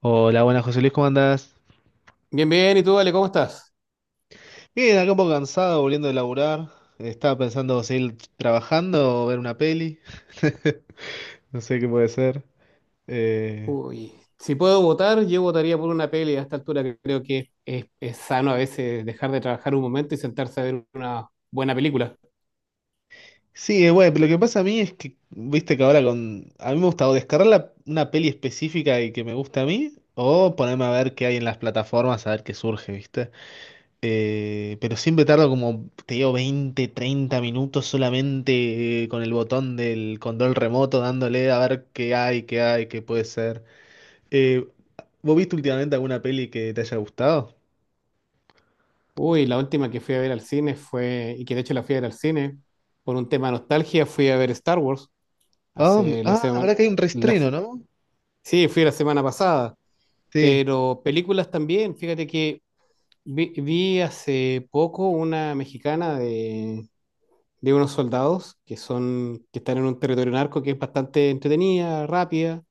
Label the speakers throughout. Speaker 1: Hola, buenas José Luis, ¿cómo andás?
Speaker 2: Bien, bien, ¿y tú, Ale, cómo estás?
Speaker 1: Bien, acá un poco cansado, volviendo de laburar. Estaba pensando seguir trabajando o ver una peli. No sé qué puede ser. Eh,
Speaker 2: Uy, si puedo votar, yo votaría por una peli a esta altura que creo que es sano a veces dejar de trabajar un momento y sentarse a ver una buena película.
Speaker 1: Sí, bueno, pero lo que pasa a mí es que, viste que ahora con. A mí me gusta o descargar una peli específica y que me gusta a mí, o ponerme a ver qué hay en las plataformas, a ver qué surge, ¿viste? Pero siempre tardo como, te digo, 20-30 minutos solamente con el botón del control remoto dándole a ver qué hay, qué hay, qué puede ser. Eh, ¿Vos viste últimamente alguna peli que te haya gustado?
Speaker 2: Uy, la última que fui a ver al cine fue, y que de hecho la fui a ver al cine, por un tema de nostalgia, fui a ver Star Wars
Speaker 1: Ah, m-
Speaker 2: hace la
Speaker 1: ah,
Speaker 2: semana,
Speaker 1: verdad que hay un reestreno, ¿no?
Speaker 2: sí, fui la semana pasada,
Speaker 1: Sí,
Speaker 2: pero películas también, fíjate que vi hace poco una mexicana de unos soldados que son, que están en un territorio narco que es bastante entretenida, rápida.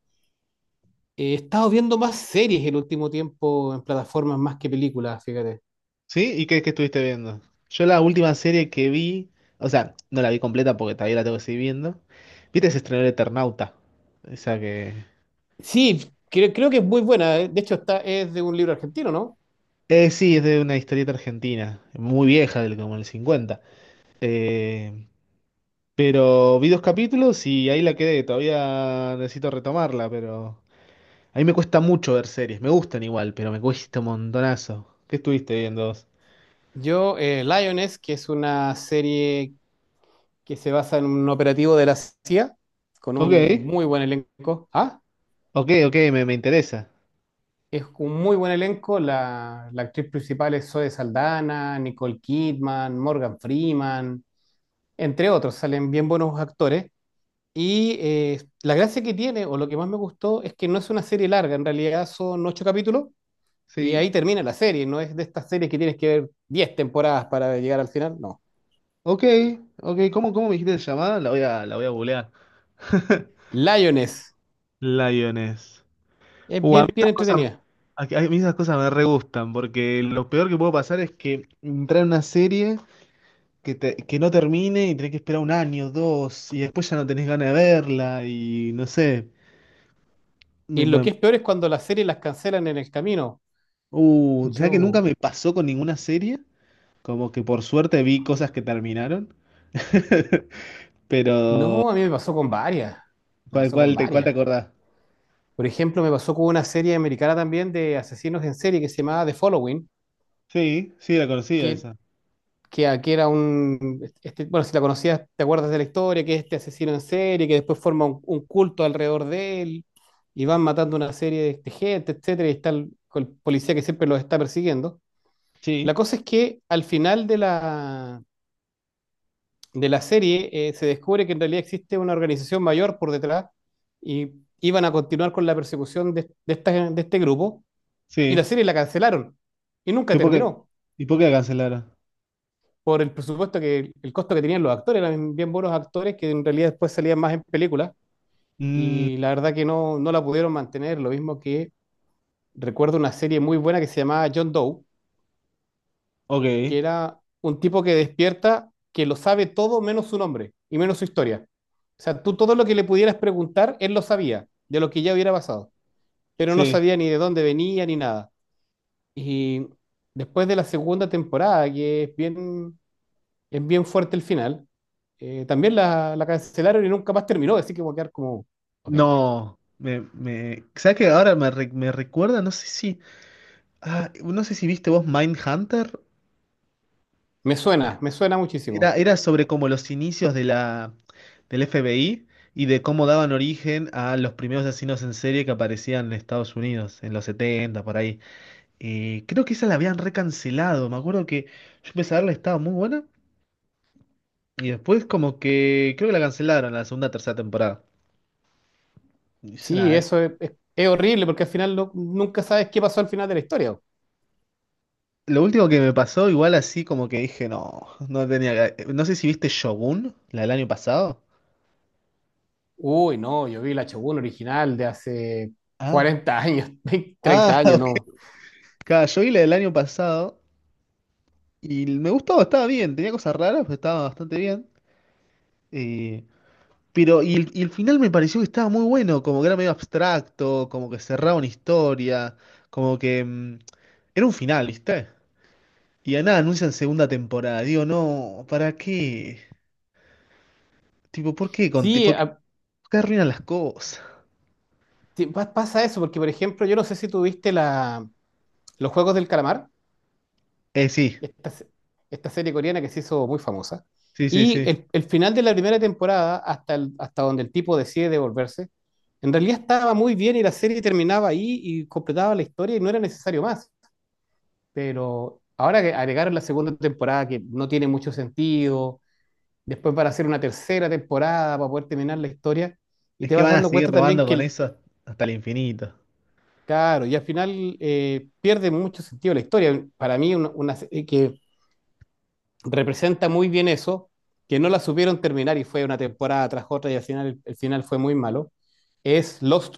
Speaker 2: He estado viendo más series el último tiempo en plataformas más que películas, fíjate.
Speaker 1: sí, ¿y qué estuviste viendo? Yo la última serie que vi, o sea, no la vi completa porque todavía la tengo que seguir viendo. ¿Viste? Se estrenó el Eternauta. Esa que.
Speaker 2: Sí, creo que es muy buena. De hecho, es de un libro argentino, ¿no?
Speaker 1: Sí, es de una historieta argentina, muy vieja, del como el cincuenta. Eh, pero vi dos capítulos y ahí la quedé. Todavía necesito retomarla, pero a mí me cuesta mucho ver series. Me gustan igual, pero me cuesta un montonazo. ¿Qué estuviste viendo vos?
Speaker 2: Yo, Lioness, que es una serie que se basa en un operativo de la CIA, con
Speaker 1: Ok,
Speaker 2: un muy buen elenco. Ah,
Speaker 1: ok, ok, me interesa.
Speaker 2: es un muy buen elenco. La actriz principal es Zoe Saldana, Nicole Kidman, Morgan Freeman. Entre otros, salen bien buenos actores. Y la gracia que tiene, o lo que más me gustó, es que no es una serie larga, en realidad son ocho capítulos y
Speaker 1: Sí.
Speaker 2: ahí termina la serie, no es de estas series que tienes que ver 10 temporadas para llegar al final, no.
Speaker 1: Ok, ok, ¿cómo me dijiste que se llamaba? La voy a googlear.
Speaker 2: Lioness,
Speaker 1: Lioness.
Speaker 2: es
Speaker 1: Uh, a mí
Speaker 2: bien, bien
Speaker 1: estas cosas,
Speaker 2: entretenida.
Speaker 1: a mí esas cosas me re gustan, porque lo peor que puedo pasar es que entrar en una serie. Que no termine y tenés que esperar un año, dos, y después ya no tenés ganas de verla, y no sé. Me,
Speaker 2: Y lo
Speaker 1: me-
Speaker 2: que es peor es cuando las series las cancelan en el camino.
Speaker 1: ¿sabés que nunca
Speaker 2: Yo,
Speaker 1: me pasó con ninguna serie? Como que por suerte vi cosas que terminaron. Pero,
Speaker 2: no, a mí me
Speaker 1: ¿cuál,
Speaker 2: pasó con
Speaker 1: cuál te, cuál te
Speaker 2: varias.
Speaker 1: acordás?
Speaker 2: Por ejemplo, me pasó con una serie americana también de asesinos en serie que se llamaba The Following,
Speaker 1: Sí, sí, la conocía
Speaker 2: que
Speaker 1: esa.
Speaker 2: que aquí era bueno, si la conocías, te acuerdas de la historia, que es este asesino en serie, que después forma un culto alrededor de él, y van matando una serie de gente, etcétera, y está con el policía que siempre los está persiguiendo. La
Speaker 1: Sí,
Speaker 2: cosa es que al final de la serie, se descubre que en realidad existe una organización mayor por detrás, y iban a continuar con la persecución de este grupo, y la
Speaker 1: sí.
Speaker 2: serie la cancelaron y nunca
Speaker 1: ¿Y por qué,
Speaker 2: terminó.
Speaker 1: y por qué la cancelaron?
Speaker 2: Por el presupuesto que el costo que tenían los actores, eran bien buenos actores que en realidad después salían más en películas
Speaker 1: Mm,
Speaker 2: y la verdad que no la pudieron mantener, lo mismo que recuerdo una serie muy buena que se llamaba John Doe, que
Speaker 1: ok,
Speaker 2: era un tipo que despierta que lo sabe todo menos su nombre y menos su historia. O sea, tú todo lo que le pudieras preguntar, él lo sabía, de lo que ya hubiera pasado, pero no
Speaker 1: sí.
Speaker 2: sabía ni de dónde venía ni nada. Y después de la segunda temporada, que es bien Es bien fuerte el final. También la cancelaron y nunca más terminó, así que voy a quedar como, ok.
Speaker 1: No, me, ¿sabes que ahora me recuerda? No sé si viste vos Mindhunter.
Speaker 2: Me suena
Speaker 1: Era,
Speaker 2: muchísimo.
Speaker 1: era sobre como los inicios del FBI y de cómo daban origen a los primeros asesinos en serie que aparecían en Estados Unidos, en los 70 por ahí. Creo que esa la habían recancelado. Me acuerdo que yo empecé a verla, estaba muy buena. Y después como que creo que la cancelaron la segunda, tercera temporada. Y es
Speaker 2: Sí,
Speaker 1: una- es-
Speaker 2: eso es horrible porque al final nunca sabes qué pasó al final de la historia.
Speaker 1: lo último que me pasó, igual así como que dije, no, no tenía. No sé si viste Shogun, la del año pasado.
Speaker 2: Uy, no, yo vi la Shogun original de hace
Speaker 1: Ah,
Speaker 2: 40 años, 20,
Speaker 1: ah,
Speaker 2: 30 años,
Speaker 1: ok.
Speaker 2: no.
Speaker 1: Claro, yo vi la del año pasado. Y me gustaba, estaba bien, tenía cosas raras, pero estaba bastante bien. Eh, pero, y el final me pareció que estaba muy bueno, como que era medio abstracto, como que cerraba una historia, como que era un final, ¿viste? Y a nada anuncian segunda temporada. Digo, no, ¿para qué? Tipo, ¿por qué Conti?
Speaker 2: Sí,
Speaker 1: ¿Por qué, por qué arruinan las cosas?
Speaker 2: pasa eso porque, por ejemplo, yo no sé si tuviste los Juegos del Calamar.
Speaker 1: Sí,
Speaker 2: esta, se- Esta serie coreana que se hizo muy famosa.
Speaker 1: sí, sí,
Speaker 2: Y
Speaker 1: sí.
Speaker 2: el final de la primera temporada, hasta donde el tipo decide devolverse, en realidad estaba muy bien y la serie terminaba ahí y completaba la historia y no era necesario más. Pero ahora que agregaron la segunda temporada, que no tiene mucho sentido, después para hacer una tercera temporada, para poder terminar la historia, y
Speaker 1: Es
Speaker 2: te
Speaker 1: que
Speaker 2: vas
Speaker 1: van a
Speaker 2: dando
Speaker 1: seguir
Speaker 2: cuenta también
Speaker 1: robando
Speaker 2: que
Speaker 1: con
Speaker 2: el.
Speaker 1: eso hasta el infinito.
Speaker 2: Claro, y al final pierde mucho sentido la historia. Para mí, una serie que representa muy bien eso, que no la supieron terminar y fue una temporada tras otra y al final el final fue muy malo, es Lost.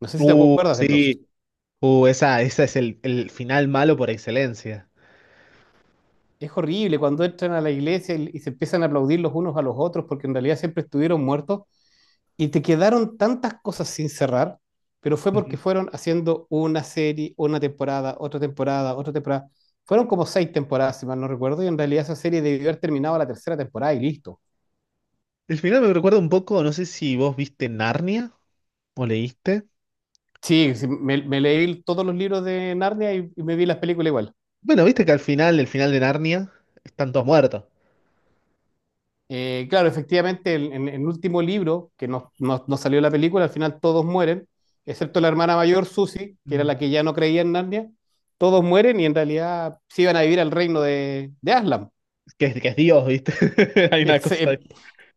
Speaker 2: No sé si te acuerdas de Lost.
Speaker 1: Sí. Esa es el final malo por excelencia.
Speaker 2: Es horrible cuando entran a la iglesia y se empiezan a aplaudir los unos a los otros porque en realidad siempre estuvieron muertos y te quedaron tantas cosas sin cerrar, pero fue porque fueron haciendo una serie, una temporada, otra temporada, otra temporada. Fueron como seis temporadas, si mal no recuerdo, y en realidad esa serie debió haber terminado la tercera temporada y listo.
Speaker 1: El final me recuerda un poco, no sé si vos viste Narnia o leíste.
Speaker 2: Sí, sí, me leí todos los libros de Narnia y me vi las películas igual.
Speaker 1: Bueno, viste que al final, el final de Narnia, están todos muertos.
Speaker 2: Claro, efectivamente, el último libro, que no salió la película, al final todos mueren, excepto la hermana mayor, Susie, que era
Speaker 1: Mm.
Speaker 2: la que ya no creía en Narnia, todos mueren y en realidad se iban a vivir al reino de Aslan,
Speaker 1: Que es Dios, ¿viste? Hay
Speaker 2: que
Speaker 1: una
Speaker 2: es,
Speaker 1: cosa ahí.
Speaker 2: eh,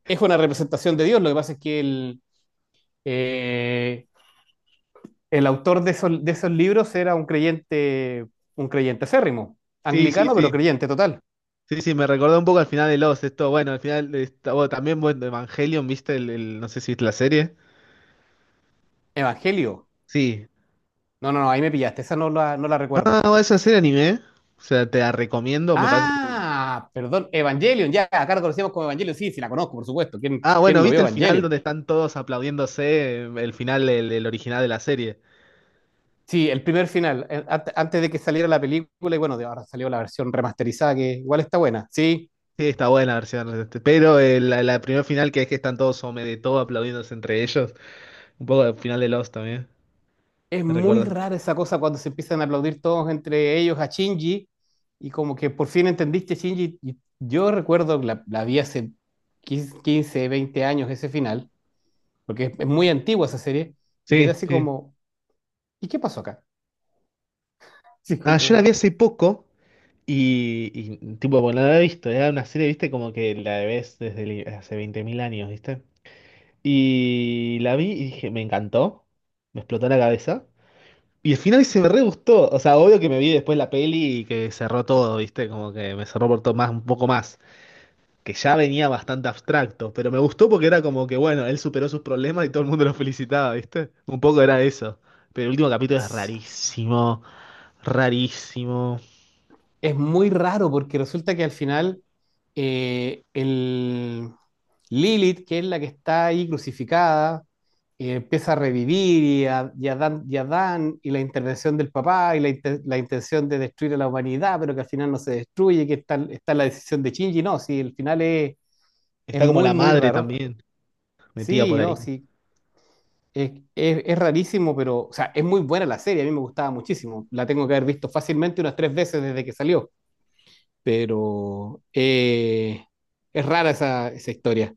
Speaker 2: es una representación de Dios. Lo que pasa es que eh, el autor de esos libros era un creyente acérrimo,
Speaker 1: Sí, sí,
Speaker 2: anglicano,
Speaker 1: sí.
Speaker 2: pero creyente total,
Speaker 1: Sí, sí, me recordó un poco al final de los, esto, bueno, al final de bueno, también bueno, Evangelion, ¿viste? No sé si viste la serie.
Speaker 2: evangelio.
Speaker 1: Sí.
Speaker 2: No, no, no, ahí me pillaste, esa no la
Speaker 1: Ah,
Speaker 2: recuerdo.
Speaker 1: bueno, esa serie anime. ¿Eh? O sea, te la recomiendo, me parece.
Speaker 2: Ah, perdón, Evangelion, ya, acá la conocíamos como Evangelion, sí, sí, la conozco, por supuesto. ¿Quién,
Speaker 1: Ah, bueno,
Speaker 2: quién no
Speaker 1: ¿viste
Speaker 2: vio
Speaker 1: el final
Speaker 2: Evangelion?
Speaker 1: donde están todos aplaudiéndose? El final, el original de la serie.
Speaker 2: Sí, el primer final, antes de que saliera la película, y bueno, de ahora salió la versión remasterizada, que igual está buena. Sí,
Speaker 1: Sí, está buena la versión, este, pero la primera final que es que están todos sobre de todo aplaudiéndose entre ellos. Un poco del final de Lost también,
Speaker 2: es
Speaker 1: me
Speaker 2: muy
Speaker 1: recuerdo.
Speaker 2: rara esa cosa cuando se empiezan a aplaudir todos entre ellos a Shinji, y como que por fin entendiste Shinji. Y yo recuerdo, que la vi hace 15, 20 años ese final, porque es muy antigua esa serie, y quedé
Speaker 1: Sí,
Speaker 2: así
Speaker 1: sí.
Speaker 2: como, ¿y qué pasó acá? Sí,
Speaker 1: Ah, yo la
Speaker 2: como.
Speaker 1: vi hace poco y, tipo, bueno, no la he visto. Era una serie, viste, como que la ves desde hace 20.000 años, viste. Y la vi y dije, me encantó. Me explotó la cabeza. Y el final se me re gustó. O sea, obvio que me vi después la peli y que cerró todo, viste, como que me cerró por todo más, un poco más. Que ya venía bastante abstracto, pero me gustó porque era como que, bueno, él superó sus problemas y todo el mundo lo felicitaba, ¿viste? Un poco era eso. Pero el último capítulo es rarísimo, rarísimo.
Speaker 2: Es muy raro porque resulta que al final el Lilith, que es la que está ahí crucificada, empieza a revivir y a Dan, y la intervención del papá y la intención de destruir a la humanidad, pero que al final no se destruye, que está la decisión de Shinji, no, sí, el final es
Speaker 1: Está como
Speaker 2: muy,
Speaker 1: la
Speaker 2: muy
Speaker 1: madre
Speaker 2: raro.
Speaker 1: también, metida por
Speaker 2: Sí, no,
Speaker 1: ahí.
Speaker 2: sí, es rarísimo, pero, o sea, es muy buena la serie, a mí me gustaba muchísimo, la tengo que haber visto fácilmente unas tres veces desde que salió. Pero es rara esa historia.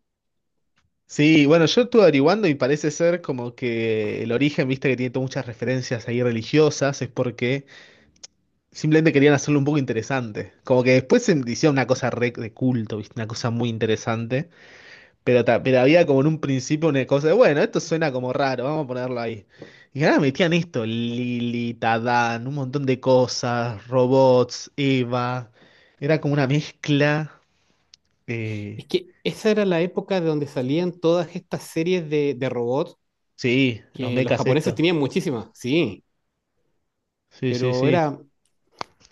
Speaker 1: Sí, bueno, yo estuve averiguando y parece ser como que el origen, viste, que tiene todas muchas referencias ahí religiosas, es porque simplemente querían hacerlo un poco interesante. Como que después se hicieron una cosa re de culto, viste, una cosa muy interesante. Pero, pero había como en un principio una cosa de, bueno, esto suena como raro, vamos a ponerlo ahí. Y ahora metían esto, Lili, Tadán, un montón de cosas, robots, Eva. Era como una mezcla. eh,
Speaker 2: Es que esa era la época de donde salían todas estas series de robots
Speaker 1: sí, los
Speaker 2: que los
Speaker 1: mechas
Speaker 2: japoneses
Speaker 1: esto.
Speaker 2: tenían muchísimas, sí,
Speaker 1: Sí, sí,
Speaker 2: pero
Speaker 1: sí.
Speaker 2: era,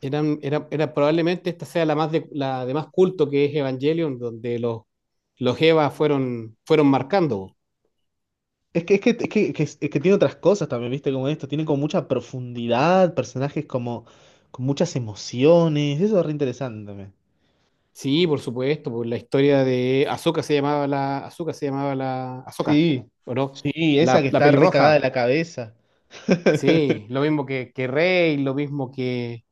Speaker 2: eran, era, era probablemente esta sea la de más culto que es Evangelion, donde los Eva fueron marcando.
Speaker 1: Es que, es que- es que tiene otras cosas también, ¿viste? Como esto, tiene como mucha profundidad, personajes como con muchas emociones. Eso es re interesante también.
Speaker 2: Sí, por supuesto, por la historia de Azuka se llamaba la Azuka se llamaba la Azoka,
Speaker 1: Sí,
Speaker 2: ¿o no?
Speaker 1: sí, esa
Speaker 2: La,
Speaker 1: que
Speaker 2: la
Speaker 1: está re cagada de
Speaker 2: pelirroja.
Speaker 1: la cabeza.
Speaker 2: Sí, lo mismo que Rey, lo mismo que.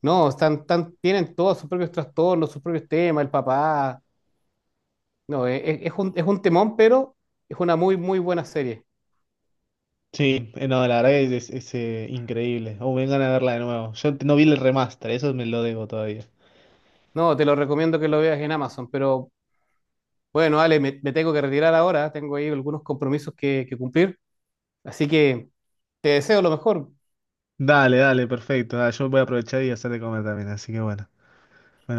Speaker 2: No, están, tan tienen todos sus propios trastornos, sus propios temas, el papá. No, es un temón, pero es una muy, muy buena serie.
Speaker 1: Sí, no, la verdad que es increíble. Oh, vengan a verla de nuevo. Yo no vi el remaster, eso me lo debo todavía.
Speaker 2: No, te lo recomiendo que lo veas en Amazon, pero bueno, Ale, me tengo que retirar ahora, tengo ahí algunos compromisos que cumplir, así que te deseo lo mejor.
Speaker 1: Dale, dale, perfecto. Dale, yo voy a aprovechar y hacer de comer también, así que bueno.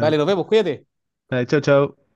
Speaker 2: Dale, nos vemos, cuídate.
Speaker 1: dale, chau, chau.